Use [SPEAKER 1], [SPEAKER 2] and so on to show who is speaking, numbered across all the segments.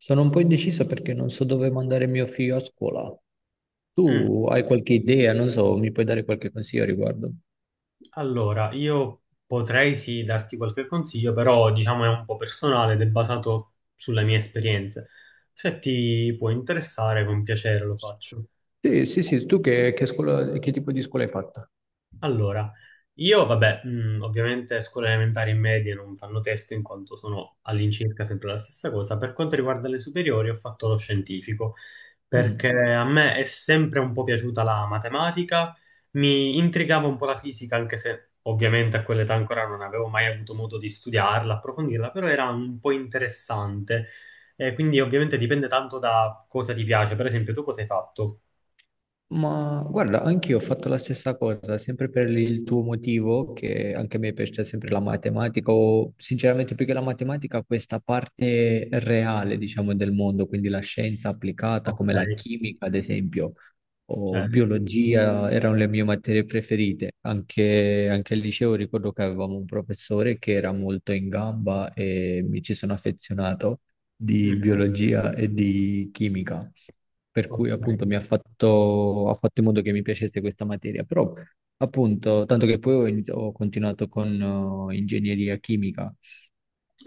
[SPEAKER 1] Sono un po' indeciso perché non so dove mandare mio figlio a scuola.
[SPEAKER 2] Mm.
[SPEAKER 1] Tu hai qualche idea? Non so, mi puoi dare qualche consiglio a riguardo?
[SPEAKER 2] Allora, io potrei sì darti qualche consiglio, però diciamo è un po' personale ed è basato sulle mie esperienze. Se ti può interessare, con piacere lo faccio.
[SPEAKER 1] Sì, sì, sì, tu che scuola, che tipo di scuola hai fatta?
[SPEAKER 2] Allora, io vabbè, ovviamente scuole elementari e medie non fanno testo in quanto sono all'incirca sempre la stessa cosa. Per quanto riguarda le superiori, ho fatto lo scientifico. Perché
[SPEAKER 1] Mm.
[SPEAKER 2] a me è sempre un po' piaciuta la matematica, mi intrigava un po' la fisica, anche se ovviamente a quell'età ancora non avevo mai avuto modo di studiarla, approfondirla, però era un po' interessante. E quindi ovviamente dipende tanto da cosa ti piace. Per esempio, tu cosa hai fatto?
[SPEAKER 1] Ma guarda, anch'io ho fatto la stessa cosa, sempre per il tuo motivo, che anche a me piace sempre la matematica, o sinceramente più che la matematica, questa parte reale, diciamo, del mondo, quindi la scienza applicata,
[SPEAKER 2] Ok,
[SPEAKER 1] come la
[SPEAKER 2] sì,
[SPEAKER 1] chimica, ad esempio, o
[SPEAKER 2] certo.
[SPEAKER 1] biologia, erano le mie materie preferite. Anche al liceo ricordo che avevamo un professore che era molto in gamba e mi ci sono affezionato di
[SPEAKER 2] Mm,
[SPEAKER 1] biologia e di chimica, per cui
[SPEAKER 2] ok.
[SPEAKER 1] appunto mi ha ha fatto in modo che mi piacesse questa materia, però appunto, tanto che poi ho continuato con ingegneria chimica,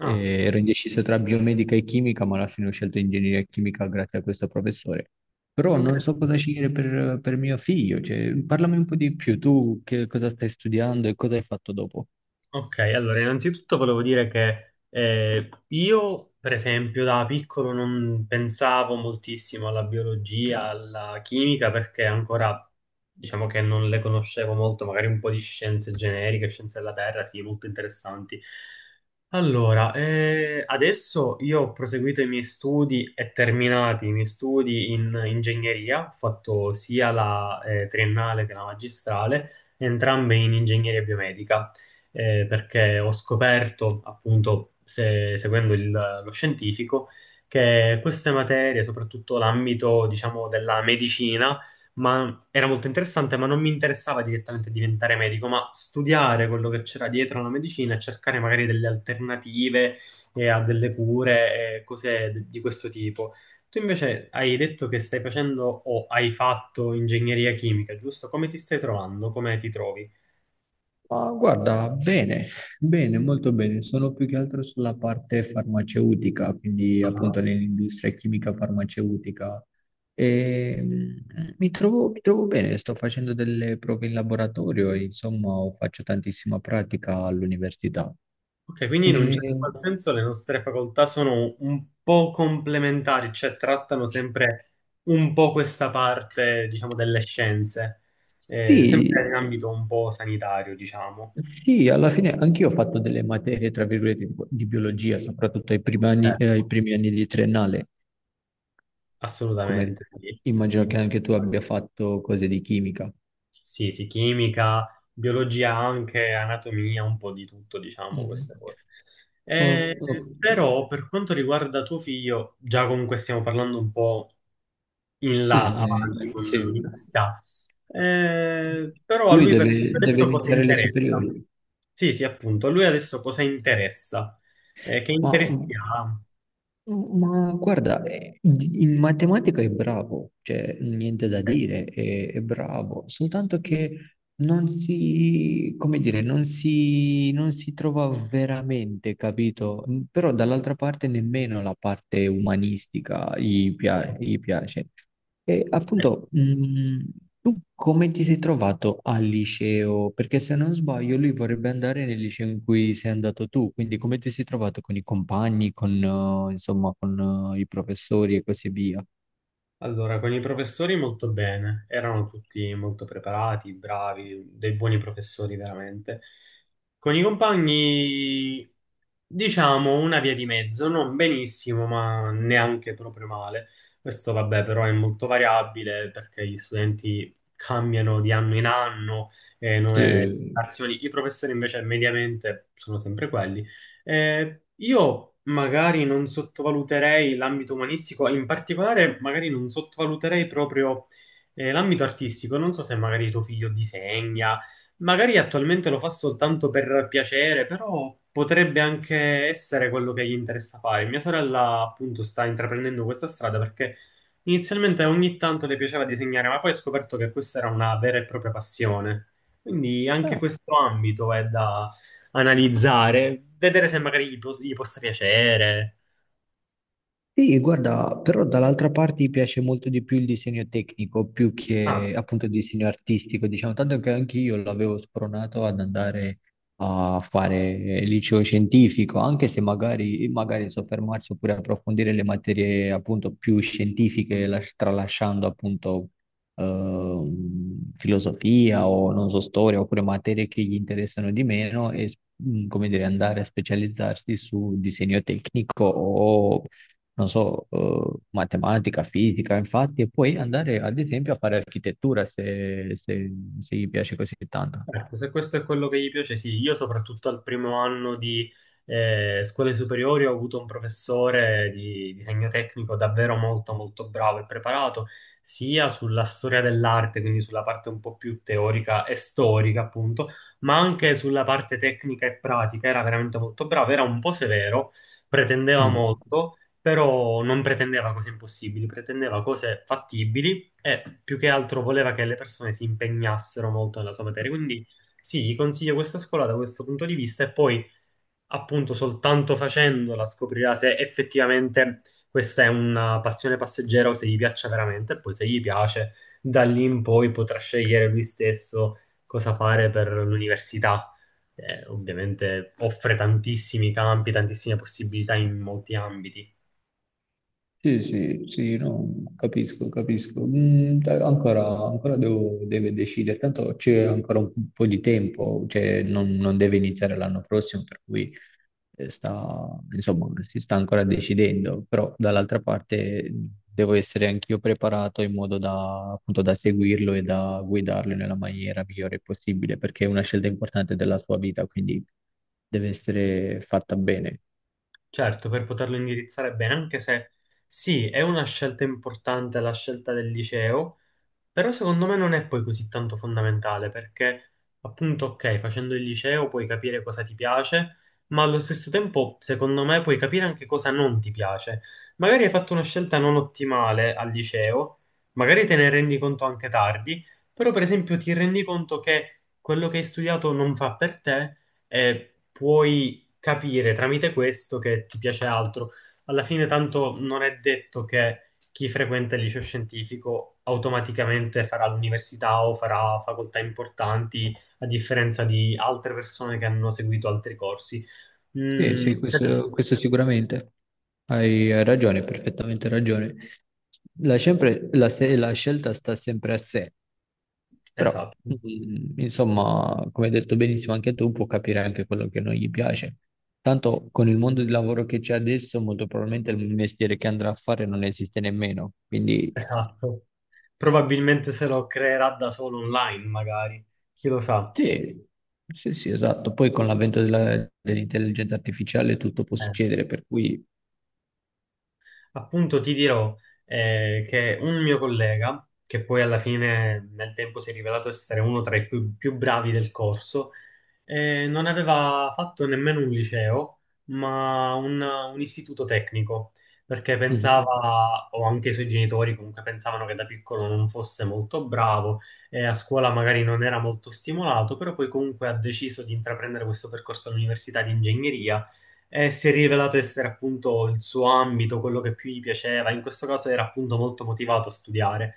[SPEAKER 2] Ah,
[SPEAKER 1] ero indeciso tra biomedica e chimica, ma alla fine ho scelto ingegneria chimica grazie a questo professore. Però non so
[SPEAKER 2] interessante.
[SPEAKER 1] cosa scegliere per mio figlio, cioè, parlami un po' di più, tu che cosa stai studiando e cosa hai fatto dopo?
[SPEAKER 2] Ok, allora innanzitutto volevo dire che io, per esempio, da piccolo non pensavo moltissimo alla biologia, alla chimica, perché ancora diciamo che non le conoscevo molto, magari un po' di scienze generiche, scienze della Terra, sì, molto interessanti. Allora, adesso io ho proseguito i miei studi e terminati i miei studi in ingegneria, ho fatto sia la triennale che la magistrale, entrambe in ingegneria biomedica, perché ho scoperto, appunto, seguendo lo scientifico, che queste materie, soprattutto l'ambito, diciamo, della medicina, ma era molto interessante, ma non mi interessava direttamente diventare medico, ma studiare quello che c'era dietro la medicina e cercare magari delle alternative e a delle cure e cose di questo tipo. Tu invece hai detto che stai facendo o hai fatto ingegneria chimica, giusto? Come ti stai trovando? Come ti trovi?
[SPEAKER 1] Ma guarda, bene, bene, molto bene. Sono più che altro sulla parte farmaceutica, quindi appunto
[SPEAKER 2] Ah.
[SPEAKER 1] nell'industria chimica farmaceutica. E, mi trovo bene, sto facendo delle prove in laboratorio, e, insomma, faccio tantissima pratica all'università.
[SPEAKER 2] Ok, quindi in un certo
[SPEAKER 1] Eh,
[SPEAKER 2] qual senso le nostre facoltà sono un po' complementari, cioè trattano sempre un po' questa parte, diciamo, delle scienze, sempre in
[SPEAKER 1] sì,
[SPEAKER 2] ambito un po' sanitario, diciamo.
[SPEAKER 1] sì, alla fine anch'io ho fatto delle materie, tra virgolette, di biologia, soprattutto ai
[SPEAKER 2] Certo,
[SPEAKER 1] primi anni di triennale, come
[SPEAKER 2] assolutamente, sì.
[SPEAKER 1] immagino che anche tu abbia fatto cose di chimica.
[SPEAKER 2] Sì, sì, chimica, biologia anche, anatomia, un po' di tutto, diciamo,
[SPEAKER 1] Mhm.
[SPEAKER 2] queste cose. Eh,
[SPEAKER 1] Oh, oh,
[SPEAKER 2] però per quanto riguarda tuo figlio, già comunque stiamo parlando un po' in là
[SPEAKER 1] eh,
[SPEAKER 2] avanti con
[SPEAKER 1] sì.
[SPEAKER 2] l'università. Però a
[SPEAKER 1] Lui
[SPEAKER 2] lui per
[SPEAKER 1] deve
[SPEAKER 2] adesso cosa
[SPEAKER 1] iniziare le
[SPEAKER 2] interessa?
[SPEAKER 1] superiori,
[SPEAKER 2] Sì, sì, appunto, a lui adesso cosa interessa? Che
[SPEAKER 1] ma
[SPEAKER 2] interessi ha?
[SPEAKER 1] Ma guarda, in matematica è bravo, cioè niente da
[SPEAKER 2] Ecco.
[SPEAKER 1] dire, è bravo, soltanto che non si, come dire, non si, non si trova veramente, capito? Però dall'altra parte nemmeno la parte umanistica gli piace. E appunto,
[SPEAKER 2] Ecco.
[SPEAKER 1] tu come ti sei trovato al liceo? Perché se non sbaglio lui vorrebbe andare nel liceo in cui sei andato tu, quindi come ti sei trovato con i compagni, insomma, i professori e così via?
[SPEAKER 2] Allora, con i professori molto bene, erano tutti molto preparati, bravi, dei buoni professori veramente. Con i compagni, diciamo, una via di mezzo, non benissimo, ma neanche proprio male. Questo, vabbè, però è molto variabile perché gli studenti cambiano di anno in anno e nuove
[SPEAKER 1] Sì,
[SPEAKER 2] generazioni. I professori invece mediamente sono sempre quelli. Io magari non sottovaluterei l'ambito umanistico, in particolare magari non sottovaluterei proprio l'ambito artistico. Non so se magari tuo figlio disegna, magari attualmente lo fa soltanto per piacere, però potrebbe anche essere quello che gli interessa fare. Mia sorella appunto sta intraprendendo questa strada perché inizialmente ogni tanto le piaceva disegnare, ma poi ha scoperto che questa era una vera e propria passione. Quindi anche questo ambito è da analizzare, vedere se magari gli, gli possa piacere.
[SPEAKER 1] sì, guarda, però dall'altra parte mi piace molto di più il disegno tecnico più
[SPEAKER 2] Ah.
[SPEAKER 1] che appunto il disegno artistico, diciamo, tanto che anche io l'avevo spronato ad andare a fare liceo scientifico, anche se magari soffermarsi oppure approfondire le materie appunto più scientifiche, tralasciando appunto filosofia o non so, storia oppure materie che gli interessano di meno come dire, andare a specializzarsi su disegno tecnico o non so, matematica, fisica, infatti, e poi andare ad esempio a fare architettura se gli piace così tanto.
[SPEAKER 2] Certo, se questo è quello che gli piace, sì. Io soprattutto al primo anno di scuole superiori ho avuto un professore di disegno tecnico davvero molto molto bravo e preparato, sia sulla storia dell'arte, quindi sulla parte un po' più teorica e storica, appunto, ma anche sulla parte tecnica e pratica. Era veramente molto bravo, era un po' severo, pretendeva
[SPEAKER 1] Mm.
[SPEAKER 2] molto, però non pretendeva cose impossibili, pretendeva cose fattibili e più che altro voleva che le persone si impegnassero molto nella sua materia. Quindi sì, gli consiglio questa scuola da questo punto di vista e poi appunto soltanto facendola scoprirà se effettivamente questa è una passione passeggera o se gli piaccia veramente e poi se gli piace da lì in poi potrà scegliere lui stesso cosa fare per l'università. Ovviamente offre tantissimi campi, tantissime possibilità in molti ambiti.
[SPEAKER 1] Sì, sì, sì, no, capisco, capisco. Mm, dai, ancora deve decidere, tanto c'è ancora un po' di tempo, cioè non deve iniziare l'anno prossimo, per cui eh, sta, insomma, si sta ancora decidendo, però dall'altra parte devo essere anch'io preparato in modo da, appunto, da seguirlo e da guidarlo nella maniera migliore possibile, perché è una scelta importante della sua vita, quindi deve essere fatta bene.
[SPEAKER 2] Certo, per poterlo indirizzare bene, anche se sì, è una scelta importante la scelta del liceo, però secondo me non è poi così tanto fondamentale perché appunto, ok, facendo il liceo puoi capire cosa ti piace, ma allo stesso tempo, secondo me, puoi capire anche cosa non ti piace. Magari hai fatto una scelta non ottimale al liceo, magari te ne rendi conto anche tardi, però per esempio ti rendi conto che quello che hai studiato non fa per te e puoi capire tramite questo che ti piace altro. Alla fine, tanto non è detto che chi frequenta il liceo scientifico automaticamente farà l'università o farà facoltà importanti, a differenza di altre persone che hanno seguito altri corsi.
[SPEAKER 1] Sì,
[SPEAKER 2] Mm,
[SPEAKER 1] sì,
[SPEAKER 2] cioè adesso-
[SPEAKER 1] questo sicuramente. Hai ragione, perfettamente ragione. La, sempre- la se- la scelta sta sempre a sé, però,
[SPEAKER 2] esatto,
[SPEAKER 1] insomma, come hai detto benissimo anche tu, può capire anche quello che non gli piace.
[SPEAKER 2] sì,
[SPEAKER 1] Tanto con il mondo di lavoro che c'è adesso, molto probabilmente il mestiere che andrà a fare non esiste nemmeno. Quindi,
[SPEAKER 2] esatto. Probabilmente se lo creerà da solo online, magari. Chi lo sa?
[SPEAKER 1] sì, sì, sì, esatto. Poi con l'avvento dell'intelligenza artificiale tutto può
[SPEAKER 2] Eh.
[SPEAKER 1] succedere, per cui...
[SPEAKER 2] Appunto ti dirò che un mio collega, che poi alla fine nel tempo si è rivelato essere uno tra i più bravi del corso, non aveva fatto nemmeno un liceo, ma un istituto tecnico, perché
[SPEAKER 1] Mhm.
[SPEAKER 2] pensava, o anche i suoi genitori comunque pensavano che da piccolo non fosse molto bravo e a scuola magari non era molto stimolato, però poi comunque ha deciso di intraprendere questo percorso all'università di ingegneria e si è rivelato essere appunto il suo ambito, quello che più gli piaceva. In questo caso era appunto molto motivato a studiare.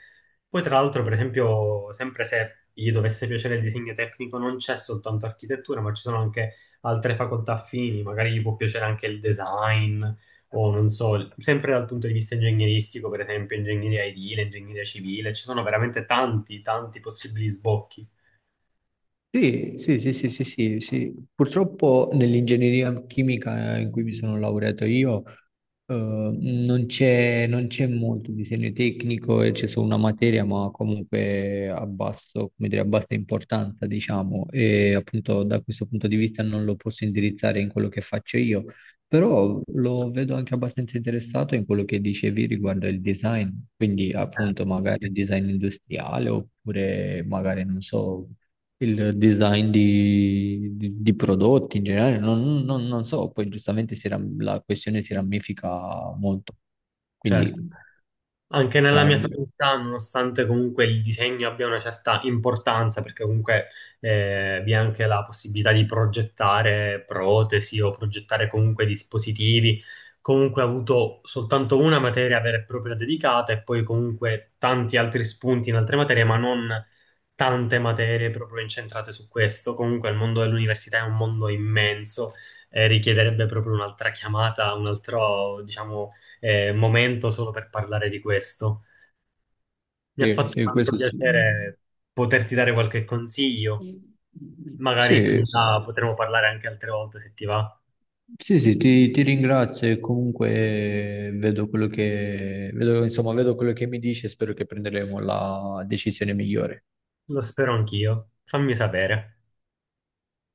[SPEAKER 2] Poi tra l'altro, per esempio, sempre se gli dovesse piacere il disegno tecnico, non c'è soltanto architettura, ma ci sono anche altre facoltà affini, magari gli può piacere anche il design o non so, sempre dal punto di vista ingegneristico, per esempio, ingegneria edile, ingegneria civile, ci sono veramente tanti possibili sbocchi.
[SPEAKER 1] Sì, sì, sì, sì, sì, sì, sì. Purtroppo nell'ingegneria chimica in cui mi sono laureato io, non c'è molto disegno tecnico, e c'è solo una materia, ma comunque a basso, come dire, a bassa importanza, diciamo, e appunto da questo punto di vista non lo posso indirizzare in quello che faccio io. Però lo vedo anche abbastanza interessato in quello che dicevi riguardo il design, quindi
[SPEAKER 2] Eh.
[SPEAKER 1] appunto magari il design industriale oppure magari non so, il design di prodotti in generale, non so, poi giustamente la questione si ramifica molto.
[SPEAKER 2] Certo.
[SPEAKER 1] Quindi
[SPEAKER 2] Anche nella
[SPEAKER 1] da-
[SPEAKER 2] mia facoltà, nonostante comunque il disegno abbia una certa importanza, perché comunque vi è anche la possibilità di progettare protesi o progettare comunque dispositivi, comunque ho avuto soltanto una materia vera e propria dedicata e poi comunque tanti altri spunti in altre materie, ma non tante materie proprio incentrate su questo. Comunque il mondo dell'università è un mondo immenso e richiederebbe proprio un'altra chiamata, un altro, diciamo, momento solo per parlare di questo. Mi ha
[SPEAKER 1] sì,
[SPEAKER 2] fatto
[SPEAKER 1] sì,
[SPEAKER 2] tanto
[SPEAKER 1] questo sì.
[SPEAKER 2] piacere poterti dare qualche consiglio. Magari più
[SPEAKER 1] Sì,
[SPEAKER 2] in là potremo parlare anche altre volte se ti va.
[SPEAKER 1] sì, sì, ti ringrazio e comunque vedo vedo, insomma, vedo quello che mi dici e spero che prenderemo la decisione migliore.
[SPEAKER 2] Lo spero anch'io. Fammi sapere.